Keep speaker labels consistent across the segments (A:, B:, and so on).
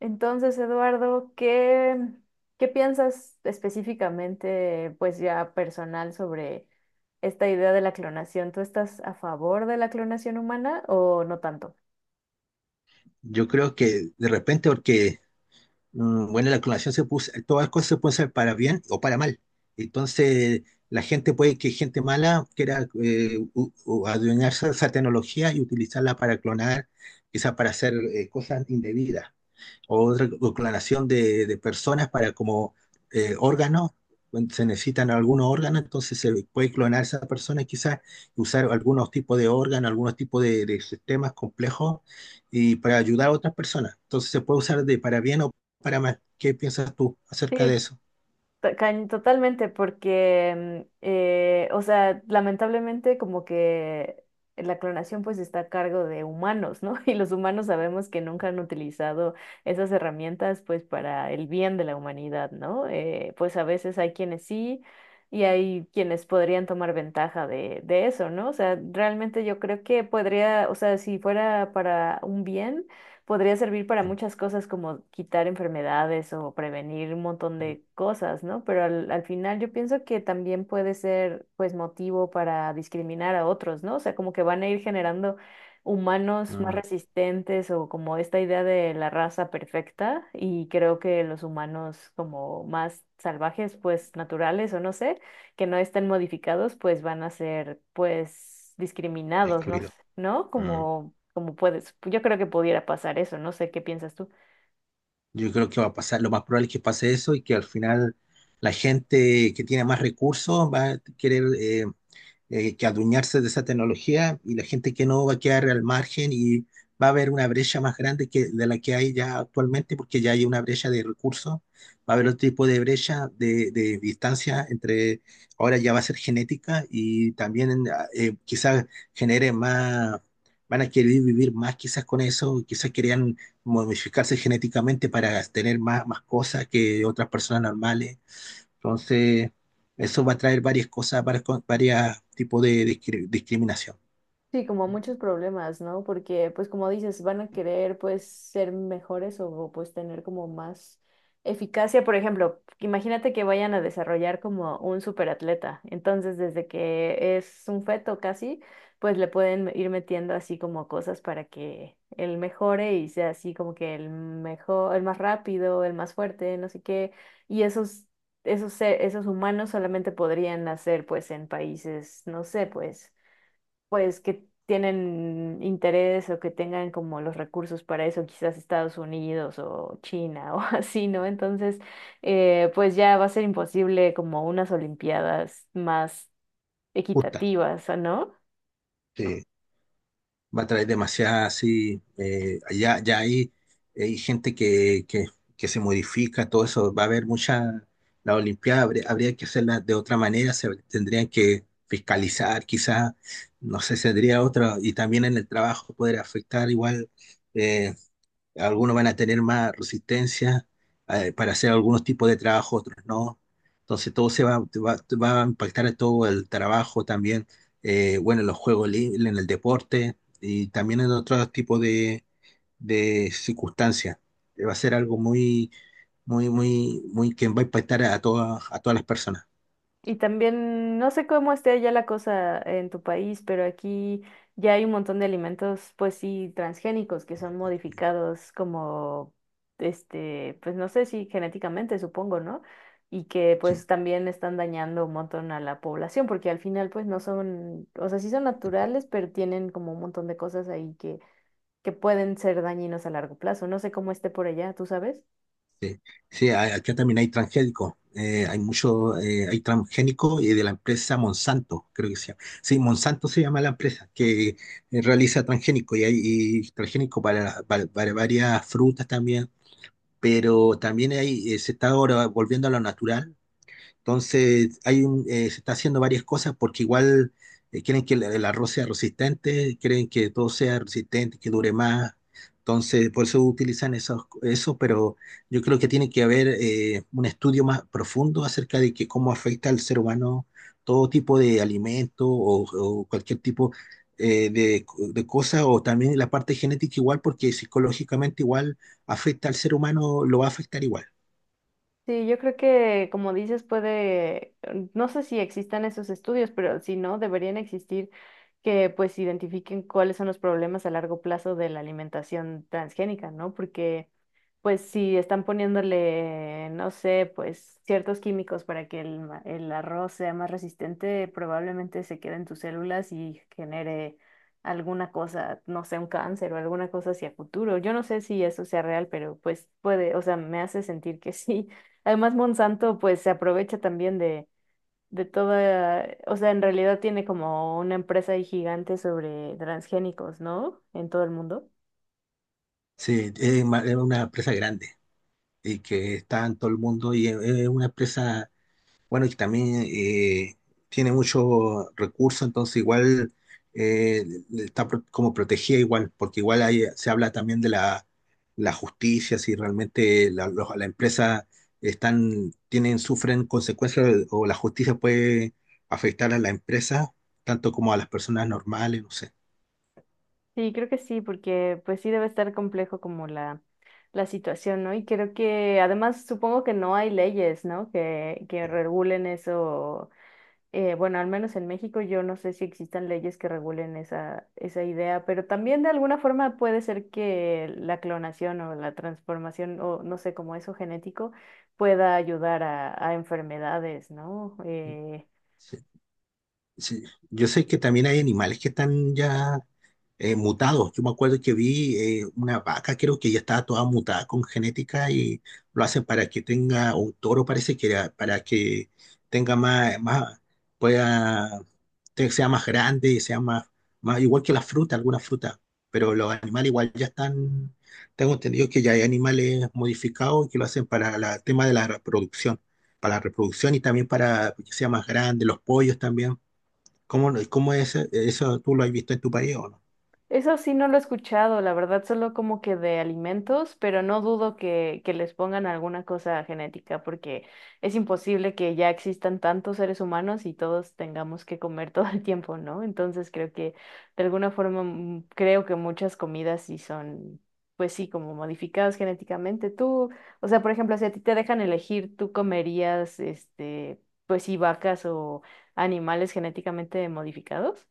A: Entonces, Eduardo, ¿qué, qué piensas específicamente, pues ya personal, sobre esta idea de la clonación? ¿Tú estás a favor de la clonación humana o no tanto?
B: Yo creo que de repente, porque, bueno, la clonación se puso, todas las cosas se pueden hacer para bien o para mal. Entonces, la gente puede que gente mala quiera adueñarse de esa tecnología y utilizarla para clonar, quizás para hacer cosas indebidas, otra clonación de personas para como órganos, cuando se necesitan algunos órganos, entonces se puede clonar a esa persona y quizás usar algunos tipos de órganos, algunos tipos de sistemas complejos y para ayudar a otras personas. Entonces se puede usar de para bien o para mal. ¿Qué piensas tú acerca de
A: Sí.
B: eso?
A: Totalmente, porque, o sea, lamentablemente como que la clonación pues está a cargo de humanos, ¿no? Y los humanos sabemos que nunca han utilizado esas herramientas pues para el bien de la humanidad, ¿no? Pues a veces hay quienes sí y hay quienes podrían tomar ventaja de eso, ¿no? O sea, realmente yo creo que podría, o sea, si fuera para un bien podría servir para
B: Mm,
A: muchas cosas como quitar enfermedades o prevenir un montón de cosas, ¿no? Pero al final yo pienso que también puede ser pues motivo para discriminar a otros, ¿no? O sea, como que van a ir generando humanos más
B: mm,
A: resistentes o como esta idea de la raza perfecta y creo que los humanos como más salvajes, pues naturales o no sé que no estén modificados, pues van a ser, pues, discriminados, ¿no?
B: excluido.
A: ¿No?
B: Mm.
A: Como puedes, yo creo que pudiera pasar eso, no sé qué piensas tú.
B: Yo creo que va a pasar, lo más probable es que pase eso y que al final la gente que tiene más recursos va a querer que adueñarse de esa tecnología, y la gente que no va a quedar al margen, y va a haber una brecha más grande que de la que hay ya actualmente, porque ya hay una brecha de recursos. Va a haber otro tipo de brecha de distancia entre, ahora ya va a ser genética. Y también quizás genere más, van a querer vivir más quizás con eso, quizás querían modificarse genéticamente para tener más, más cosas que otras personas normales. Entonces, eso va a traer varias cosas, varias tipos de discriminación
A: Sí, como muchos problemas, ¿no? Porque, pues como dices, van a querer, pues, ser mejores o, pues, tener como más eficacia. Por ejemplo, imagínate que vayan a desarrollar como un superatleta. Entonces, desde que es un feto casi, pues le pueden ir metiendo así como cosas para que él mejore y sea así como que el mejor, el más rápido, el más fuerte, no sé qué. Y esos, Esos humanos solamente podrían nacer, pues, en países, no sé, pues que tienen interés o que tengan como los recursos para eso, quizás Estados Unidos o China o así, ¿no? Entonces, pues ya va a ser imposible como unas olimpiadas más
B: justa.
A: equitativas, ¿no?
B: Que va a traer demasiada, así, ya hay gente que se modifica, todo eso, va a haber mucha, la Olimpiada habría que hacerla de otra manera, se tendrían que fiscalizar quizás, no sé, sería otra, y también en el trabajo poder afectar igual. eh, Algunos van a tener más resistencia para hacer algunos tipos de trabajo, otros no. Entonces todo se va a impactar en todo el trabajo también, bueno, en los juegos libres, en el deporte y también en otros tipos de circunstancias. Va a ser algo muy, muy que va a impactar a a todas las personas.
A: Y también, no sé cómo esté ya la cosa en tu país, pero aquí ya hay un montón de alimentos, pues sí, transgénicos que son modificados como, este, pues no sé si genéticamente, supongo, ¿no? Y que pues también están dañando un montón a la población, porque al final pues no son, o sea, sí son naturales, pero tienen como un montón de cosas ahí que pueden ser dañinos a largo plazo. No sé cómo esté por allá, ¿tú sabes?
B: Sí, acá también hay transgénicos. Hay mucho, hay transgénicos y de la empresa Monsanto, creo que se llama. Sí, Monsanto se llama la empresa que realiza transgénico, y hay y transgénico para, para varias frutas también, pero también hay, se está ahora volviendo a lo natural. Entonces, se está haciendo varias cosas porque igual quieren que el arroz sea resistente, quieren que todo sea resistente, que dure más. Entonces, por eso utilizan eso, pero yo creo que tiene que haber un estudio más profundo acerca de que cómo afecta al ser humano todo tipo de alimento o cualquier tipo eh, de, de cosa, o también la parte genética igual, porque psicológicamente igual afecta al ser humano, lo va a afectar igual.
A: Sí, yo creo que, como dices, puede, no sé si existan esos estudios, pero si no, deberían existir que pues identifiquen cuáles son los problemas a largo plazo de la alimentación transgénica, ¿no? Porque pues si están poniéndole, no sé, pues ciertos químicos para que el, el arroz sea más resistente, probablemente se quede en tus células y genere alguna cosa, no sé, un cáncer o alguna cosa hacia futuro. Yo no sé si eso sea real, pero pues puede, o sea, me hace sentir que sí. Además, Monsanto pues se aprovecha también de toda, o sea, en realidad tiene como una empresa ahí gigante sobre transgénicos, ¿no? En todo el mundo.
B: Sí, es es una empresa grande. Y que está en todo el mundo, y es una empresa, bueno, y también tiene muchos recursos, entonces igual eh, está como protegida igual, porque igual ahí se habla también de la justicia, si realmente la empresa están, tienen, sufren consecuencias, o la justicia puede afectar a la empresa, tanto como a las personas normales, no sé.
A: Sí, creo que sí, porque pues sí debe estar complejo como la situación, ¿no? Y creo que además supongo que no hay leyes, ¿no? Que regulen eso. Bueno, al menos en México yo no sé si existan leyes que regulen esa idea, pero también de alguna forma puede ser que la clonación o la transformación o no sé, como eso genético pueda ayudar a enfermedades, ¿no?
B: Sí, sí. Yo sé que también hay animales que están ya mutados. Yo me acuerdo que vi una vaca, creo que ya estaba toda mutada con genética, y lo hacen para que tenga, o un toro parece que era, para que tenga más, pueda, sea más grande, sea más, más, igual que la fruta, algunas frutas. Pero los animales igual ya están, tengo entendido que ya hay animales modificados que lo hacen para el tema de la reproducción, para la reproducción, y también para que sea más grande, los pollos también. ¿Cómo, cómo es eso? ¿Tú lo has visto en tu país o no?
A: Eso sí no lo he escuchado, la verdad, solo como que de alimentos, pero no dudo que les pongan alguna cosa genética, porque es imposible que ya existan tantos seres humanos y todos tengamos que comer todo el tiempo, ¿no? Entonces creo que de alguna forma, mm, creo que muchas comidas sí son, pues sí, como modificadas genéticamente. Tú, o sea, por ejemplo, si a ti te dejan elegir, ¿tú comerías, este, pues sí, vacas o animales genéticamente modificados?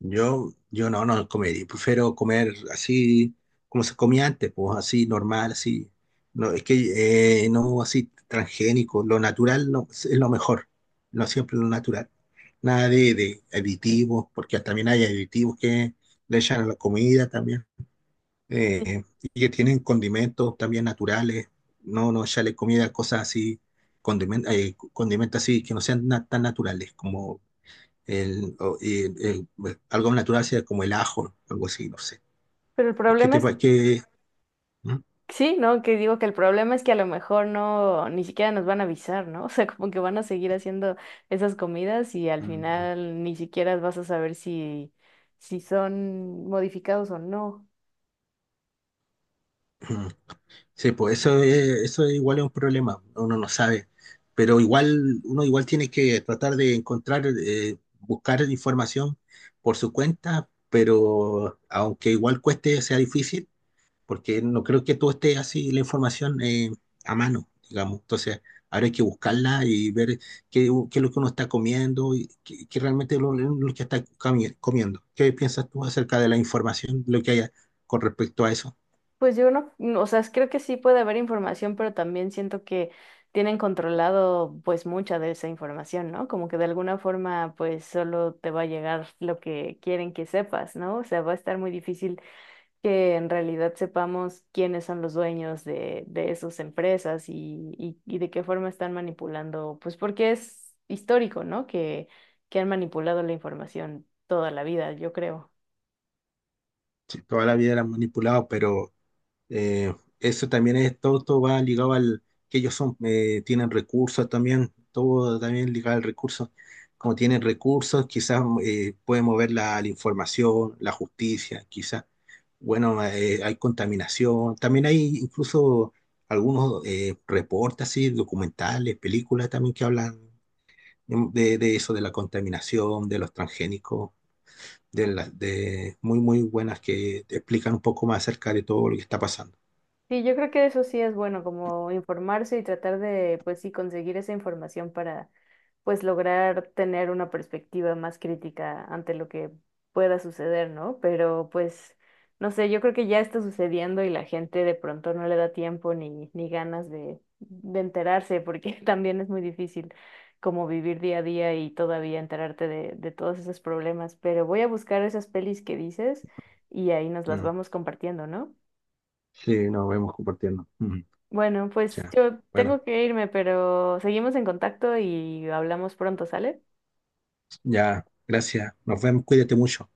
B: Yo no, no comería, prefiero comer así como se comía antes, pues así normal, así. No, es que no así transgénico, lo natural no, es lo mejor, no siempre lo natural. Nada de aditivos, porque también hay aditivos que le echan a la comida también, y que tienen condimentos también naturales, no, no echarle comida, cosas así, condimentos así que no sean tan naturales, como el, o- el- el- pues, algo natural sea como el ajo, algo así, no sé.
A: Pero el
B: Es que
A: problema es
B: que ¿Mm?
A: sí, ¿no? Que digo que el problema es que a lo mejor no, ni siquiera nos van a avisar, ¿no? O sea, como que van a seguir haciendo esas comidas y al
B: Mm,
A: final ni siquiera vas a saber si son modificados o no.
B: mm. Sí, pues eso es igual es un problema, uno no sabe, pero igual uno igual tiene que tratar de encontrar buscar información por su cuenta, pero aunque igual cueste sea difícil, porque no creo que todo esté así la información a mano, digamos. Entonces, ahora hay que buscarla y ver qué, qué es lo que uno está comiendo y qué, qué realmente es lo que está comiendo. ¿Qué piensas tú acerca de la información, lo que haya con respecto a eso?
A: Pues yo no, no, o sea, creo que sí puede haber información, pero también siento que tienen controlado pues mucha de esa información, ¿no? Como que de alguna forma pues solo te va a llegar lo que quieren que sepas, ¿no? O sea, va a estar muy difícil que en realidad sepamos quiénes son los dueños de esas empresas y de qué forma están manipulando, pues porque es histórico, ¿no? Que han manipulado la información toda la vida, yo creo.
B: Sí, toda la vida la han manipulado. Pero Eh, eso también es, todo, todo va ligado al que ellos son, tienen recursos también, todo también ligado al recurso. Como tienen recursos, quizás pueden mover la información, la justicia, quizás. Bueno, hay contaminación. También hay incluso algunos reportes así, documentales, películas también que hablan de eso, de la contaminación, de los transgénicos, de, las de muy, muy buenas que te explican un poco más acerca de todo lo que está pasando.
A: Sí, yo creo que eso sí es bueno, como informarse y tratar de, pues sí, conseguir esa información para, pues, lograr tener una perspectiva más crítica ante lo que pueda suceder, ¿no? Pero, pues, no sé, yo creo que ya está sucediendo y la gente de pronto no le da tiempo ni ganas de enterarse, porque también es muy difícil como vivir día a día y todavía enterarte de todos esos problemas. Pero voy a buscar esas pelis que dices y ahí nos las
B: Mm.
A: vamos compartiendo, ¿no?
B: Sí, nos vemos compartiendo. Ujú.
A: Bueno, pues
B: Ya.
A: yo
B: Bueno,
A: tengo que irme, pero seguimos en contacto y hablamos pronto, ¿sale?
B: ya, gracias. Nos vemos, cuídate mucho.